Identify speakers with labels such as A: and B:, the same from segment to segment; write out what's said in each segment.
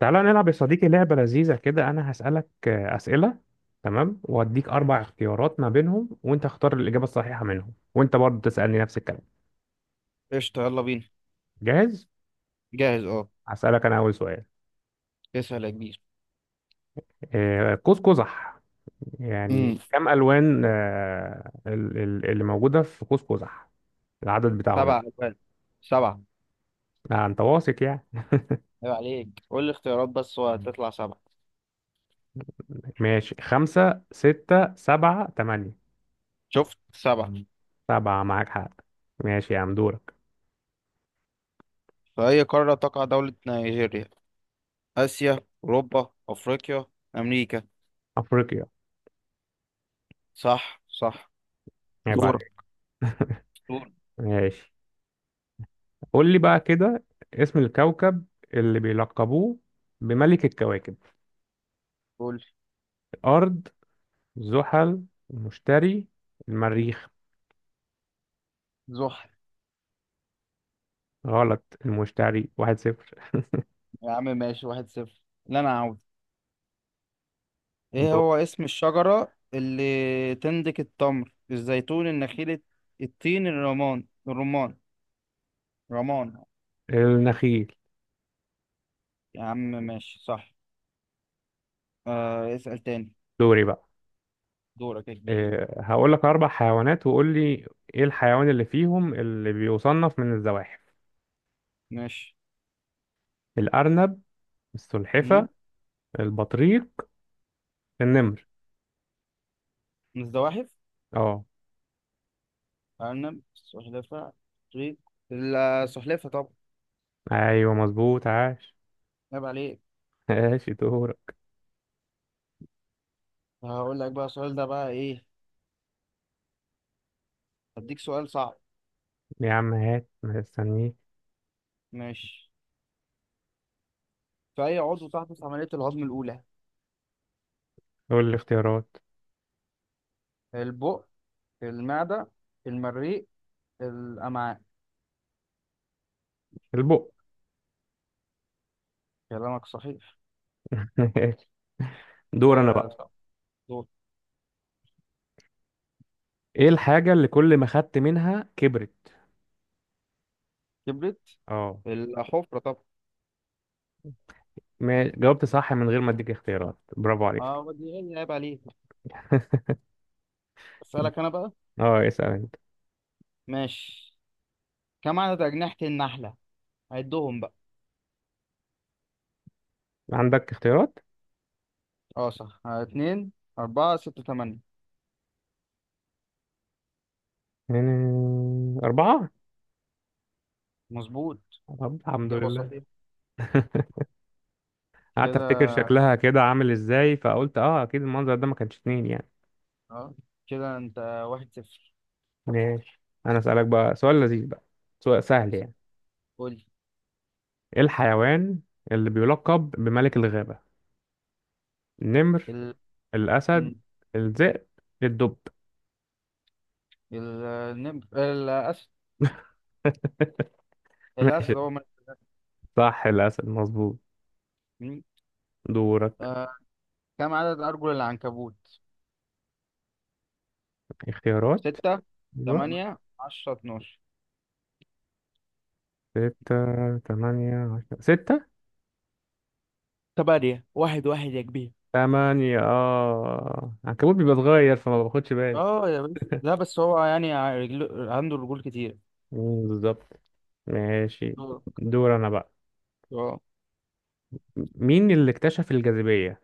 A: تعالى نلعب يا صديقي لعبة لذيذة كده. أنا هسألك أسئلة. تمام، وأديك أربع اختيارات ما بينهم وأنت اختار الإجابة الصحيحة منهم، وأنت برضه تسألني نفس الكلام.
B: قشطة، يلا بينا.
A: جاهز؟
B: جاهز، اه.
A: هسألك أنا أول سؤال.
B: اسأل يا كبير.
A: قوس قزح يعني
B: امم
A: كم ألوان اللي موجودة في قوس قزح، العدد بتاعهم
B: سبع
A: يعني.
B: أجوال سبعة.
A: أنت واثق يعني؟
B: عيب عليك، قول لي اختيارات بس وهتطلع سبعة.
A: ماشي، خمسة ستة سبعة تمانية.
B: شفت؟ سبعة.
A: سبعة، معاك حق. ماشي يا عم، دورك.
B: في أي قارة تقع دولة نيجيريا؟ آسيا، أوروبا، أفريقيا، أمريكا.
A: أفريقيا.
B: صح، صح.
A: عيب
B: دور.
A: عليك.
B: دور.
A: ماشي. قول لي بقى كده، اسم الكوكب اللي بيلقبوه بملك الكواكب.
B: قول.
A: الأرض، زحل، المشتري، المريخ.
B: زحل.
A: غلط، المشتري. واحد صفر.
B: يا عم ماشي، 1-0. لا أنا عاوز. إيه
A: دو-
B: هو اسم الشجرة اللي تنتج التمر، الزيتون، النخيل، التين، الرمان. رمان.
A: النخيل.
B: يا عم ماشي، صح. اسأل تاني.
A: دوري بقى.
B: دورك يا كبير.
A: أه، هقول لك أربع حيوانات وقول لي إيه الحيوان اللي فيهم اللي بيصنف من الزواحف.
B: ماشي.
A: الأرنب، السلحفة،
B: مم.
A: البطريق، النمر.
B: الزواحف؟
A: اه،
B: أرنب، سلحفاة، طريق. السلحفاة طبعا.
A: أيوه مظبوط، عاش.
B: عيب عليك.
A: ماشي، دور.
B: هقول لك بقى السؤال ده بقى إيه. هديك سؤال صعب.
A: يا عم هات، مستنيك.
B: ماشي. في أي عضو تحدث عملية الهضم الأولى؟
A: قول لي اختيارات.
B: البق، المعدة، المريء، الأمعاء.
A: البق.
B: كلامك صحيح.
A: دور انا
B: كده
A: بقى.
B: صح. دور.
A: ايه الحاجة اللي كل ما خدت منها كبرت؟
B: كبرت؟
A: اه.
B: الحفرة طبعا.
A: ما جاوبت صح من غير ما اديك اختيارات، برافو عليك.
B: اه دي عيب عليك. أسألك أنا بقى.
A: اه، اسأل انت.
B: ماشي. كم عدد أجنحة النحلة؟ عدهم بقى.
A: عندك اختيارات؟
B: اه صح. اتنين، أربعة، ستة، تمانية.
A: يعني أربعة.
B: مظبوط.
A: طب الحمد
B: إجابة
A: لله.
B: صحيحة.
A: قعدت
B: كده.
A: افتكر شكلها كده عامل ازاي، فقلت اه اكيد المنظر ده ما كانش اتنين يعني.
B: اه، كده أنت 1-0.
A: ماشي، انا اسألك بقى سؤال لذيذ بقى، سؤال سهل يعني.
B: قول.
A: ايه الحيوان اللي بيلقب بملك الغابة؟ النمر،
B: ال
A: الأسد،
B: مم.
A: الذئب، الدب.
B: ال- النمر، الأسد.
A: ماشي،
B: الأسد هو ملك.
A: صح الأسد، مظبوط.
B: مين؟
A: دورك.
B: آه. كم عدد أرجل العنكبوت؟
A: اختيارات.
B: ستة،
A: أيوه تمام.
B: تمانية، 10، 12.
A: ستة تمانية عشرة ستة
B: تمانية. 1-1 يا كبير.
A: تمانية. اه العنكبوت بيبقى صغير فما باخدش بالي.
B: اه يا باشا، لا بس هو يعني رجله، عنده رجول كتير.
A: مم، بالظبط. ماشي،
B: دورك.
A: دور أنا بقى.
B: اه.
A: مين اللي اكتشف الجاذبية؟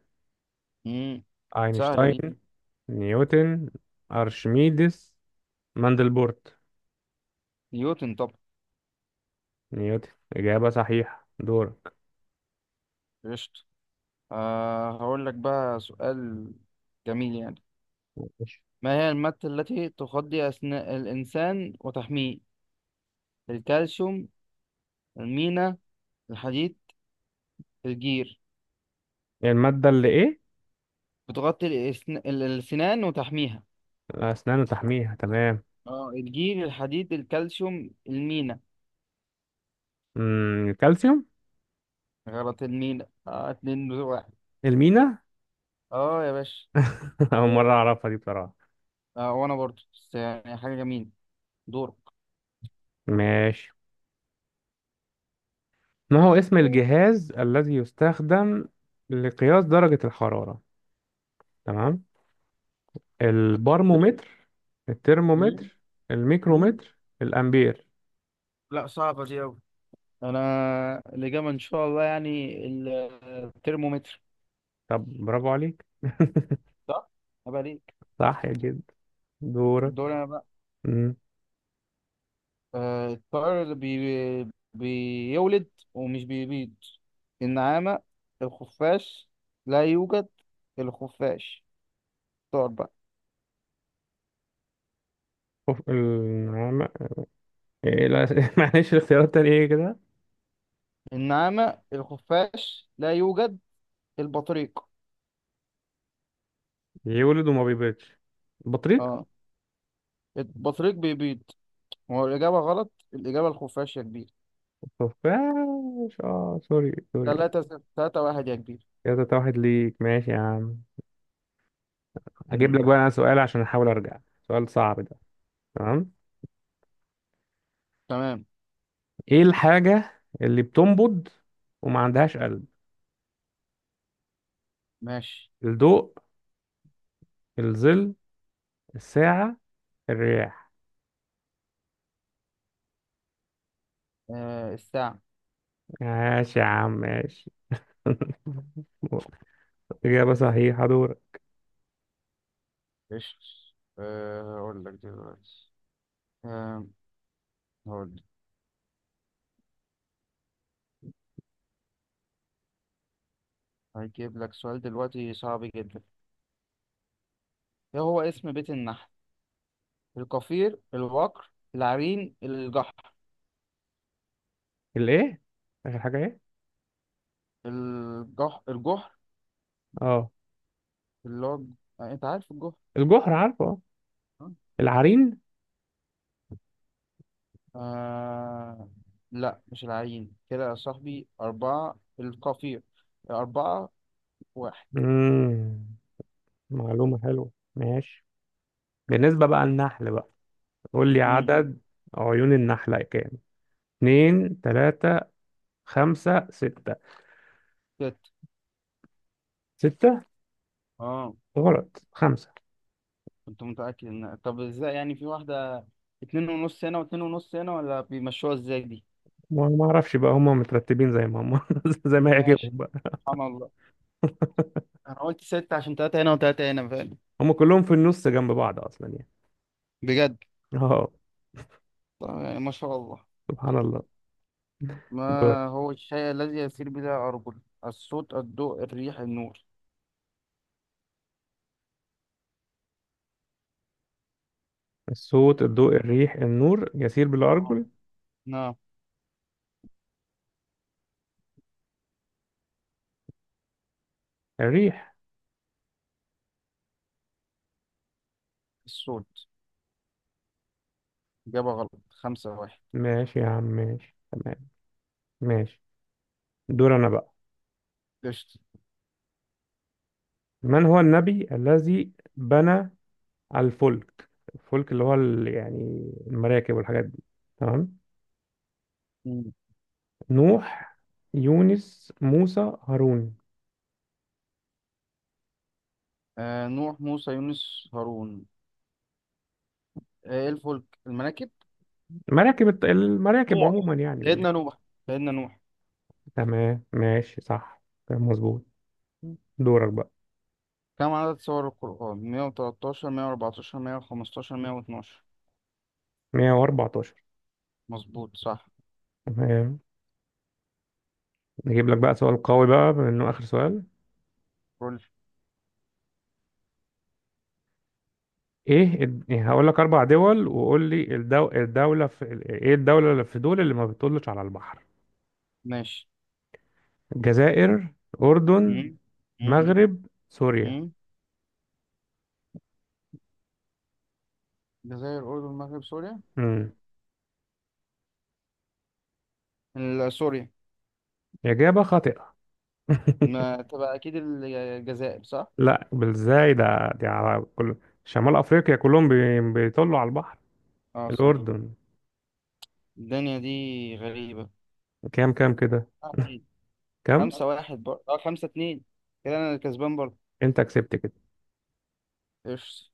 B: مم. سهلة
A: أينشتاين،
B: دي.
A: نيوتن، أرشميدس، ماندلبورت.
B: نيوتن طبعا.
A: نيوتن. إجابة صحيحة، دورك.
B: قشطة. هقول لك بقى سؤال جميل يعني.
A: ماشي.
B: ما هي المادة التي تغذي أثناء الإنسان وتحميه؟ الكالسيوم، المينا، الحديد، الجير.
A: المادة اللي إيه؟
B: بتغطي الأسنان وتحميها.
A: أسنان وتحميها، تمام.
B: اه، الجير، الحديد، الكالسيوم، المينا.
A: مم، الكالسيوم.
B: غلط، المينا. اه، اتنين بتوع واحد.
A: المينا.
B: اه يا باشا.
A: أول مرة أعرفها دي بصراحة.
B: اه وأنا برضه، بس يعني حاجة جميلة. دورك.
A: ماشي. ما هو اسم الجهاز الذي يستخدم لقياس درجة الحرارة؟ تمام. البارمومتر،
B: مم.
A: الترمومتر،
B: مم.
A: الميكرومتر، الأمبير.
B: لا صعبة دي أوي. أنا الإجابة إن شاء الله يعني الترمومتر.
A: طب برافو عليك.
B: صح؟ أبقى ليك.
A: صح جدا. دورك.
B: الدور أنا بقى.
A: مم.
B: الطائر اللي بيولد ومش بيبيض. النعامة، الخفاش، لا يوجد، الخفاش. طائر بقى.
A: أوف، النعامة. إيه لا. معلش الاختيارات التانية ايه كده؟
B: النعامة، الخفاش، لا يوجد، البطريق.
A: يولد وما بيبيضش. بطريق.
B: اه. البطريق بيبيض. هو الإجابة غلط. الإجابة الخفاش يا كبير.
A: خفاش، اه سوري سوري.
B: 3-0، 3-1 يا كبير.
A: كده تلاتة واحد ليك، ماشي يا عم. اجيب
B: مم.
A: لك بقى انا سؤال عشان احاول ارجع، سؤال صعب ده. تمام.
B: تمام،
A: ايه الحاجة اللي بتنبض وما عندهاش قلب؟
B: ماشي.
A: الضوء، الظل، الساعة، الرياح.
B: الساعة.
A: ماشي يا عم، ماشي. إجابة صحيحة، دور.
B: قشطة. أقول لك دلوقتي. آه، هقول هجيب لك سؤال دلوقتي صعب جدا. ايه هو اسم بيت النحل؟ القفير، الوقر، العرين، الجحر.
A: الإيه؟ آخر حاجة إيه؟
B: الجحر
A: اه
B: اللي هو. انت عارف الجحر.
A: الجحر عارفه، اه.
B: آه.
A: العرين.
B: آه... لا مش العرين كده يا صاحبي. أربعة، القفير. 4-1.
A: مم. معلومة حلوة، ماشي. بالنسبة بقى للنحل بقى، قول لي
B: امم
A: عدد عيون النحلة كام. اتنين تلاتة خمسة ستة.
B: ست.
A: ستة؟
B: اه،
A: غلط، خمسة.
B: كنت متأكد ان، طب ازاي يعني؟ في واحدة، اتنين ونص هنا واتنين ونص هنا، ولا بيمشوها ازاي دي؟
A: ما اعرفش بقى، هم مترتبين زي ما هم، زي ما
B: ماشي.
A: يعجبهم بقى.
B: سبحان الله. انا قلت ستة عشان تلاتة هنا وتلاتة هنا فعلا.
A: هم كلهم في النص جنب بعض اصلا يعني.
B: بجد.
A: اه.
B: طبعاً يعني ما شاء الله.
A: سبحان الله. دور.
B: ما هو الشيء الذي يسير بلا أرجل؟ الصوت، الضوء، الريح، النور.
A: الصوت الضوء الريح النور يسير بلا
B: آه.
A: ارجل.
B: نعم.
A: الريح.
B: الصوت. إجابة غلط. 5-1.
A: ماشي يا عم، ماشي تمام. ماشي، دور انا بقى.
B: قشطة.
A: من هو النبي الذي بنى الفلك؟ الفلك اللي هو يعني المراكب والحاجات دي، تمام.
B: مم.
A: نوح، يونس، موسى، هارون.
B: نوح، موسى، يونس، هارون. إيه الفلك؟ المراكب؟
A: مراكب، المراكب
B: نوح.
A: عموما يعني.
B: سيدنا نوح. سيدنا نوح.
A: تمام، ماشي صح. تمام مظبوط. دورك بقى.
B: كم عدد سور القرآن؟ 113، 114، 115، 112.
A: 114.
B: مظبوط، صح.
A: تمام، نجيب لك بقى سؤال قوي بقى بما انه اخر سؤال.
B: كل
A: إيه، هقول لك اربع دول وقول لي الدولة في، ايه الدولة اللي في دول اللي ما بتطلش على البحر.
B: ماشي.
A: الجزائر، اردن،
B: مم. مم.
A: مغرب، سوريا.
B: مم. الجزائر، الأردن، المغرب، سوريا.
A: امم.
B: سوريا.
A: اجابة خاطئة.
B: ما تبقى اكيد الجزائر. صح؟
A: لا، بالزاي ده، دي على كل. شمال افريقيا كلهم بيطلوا على البحر.
B: اه صح.
A: الاردن.
B: الدنيا دي غريبة.
A: كام كام كده؟
B: اتنين.
A: كام؟
B: خمسة واحد برضه، اه 5-2. كده انا الكسبان برضه.
A: انت كسبت كده.
B: قشطة.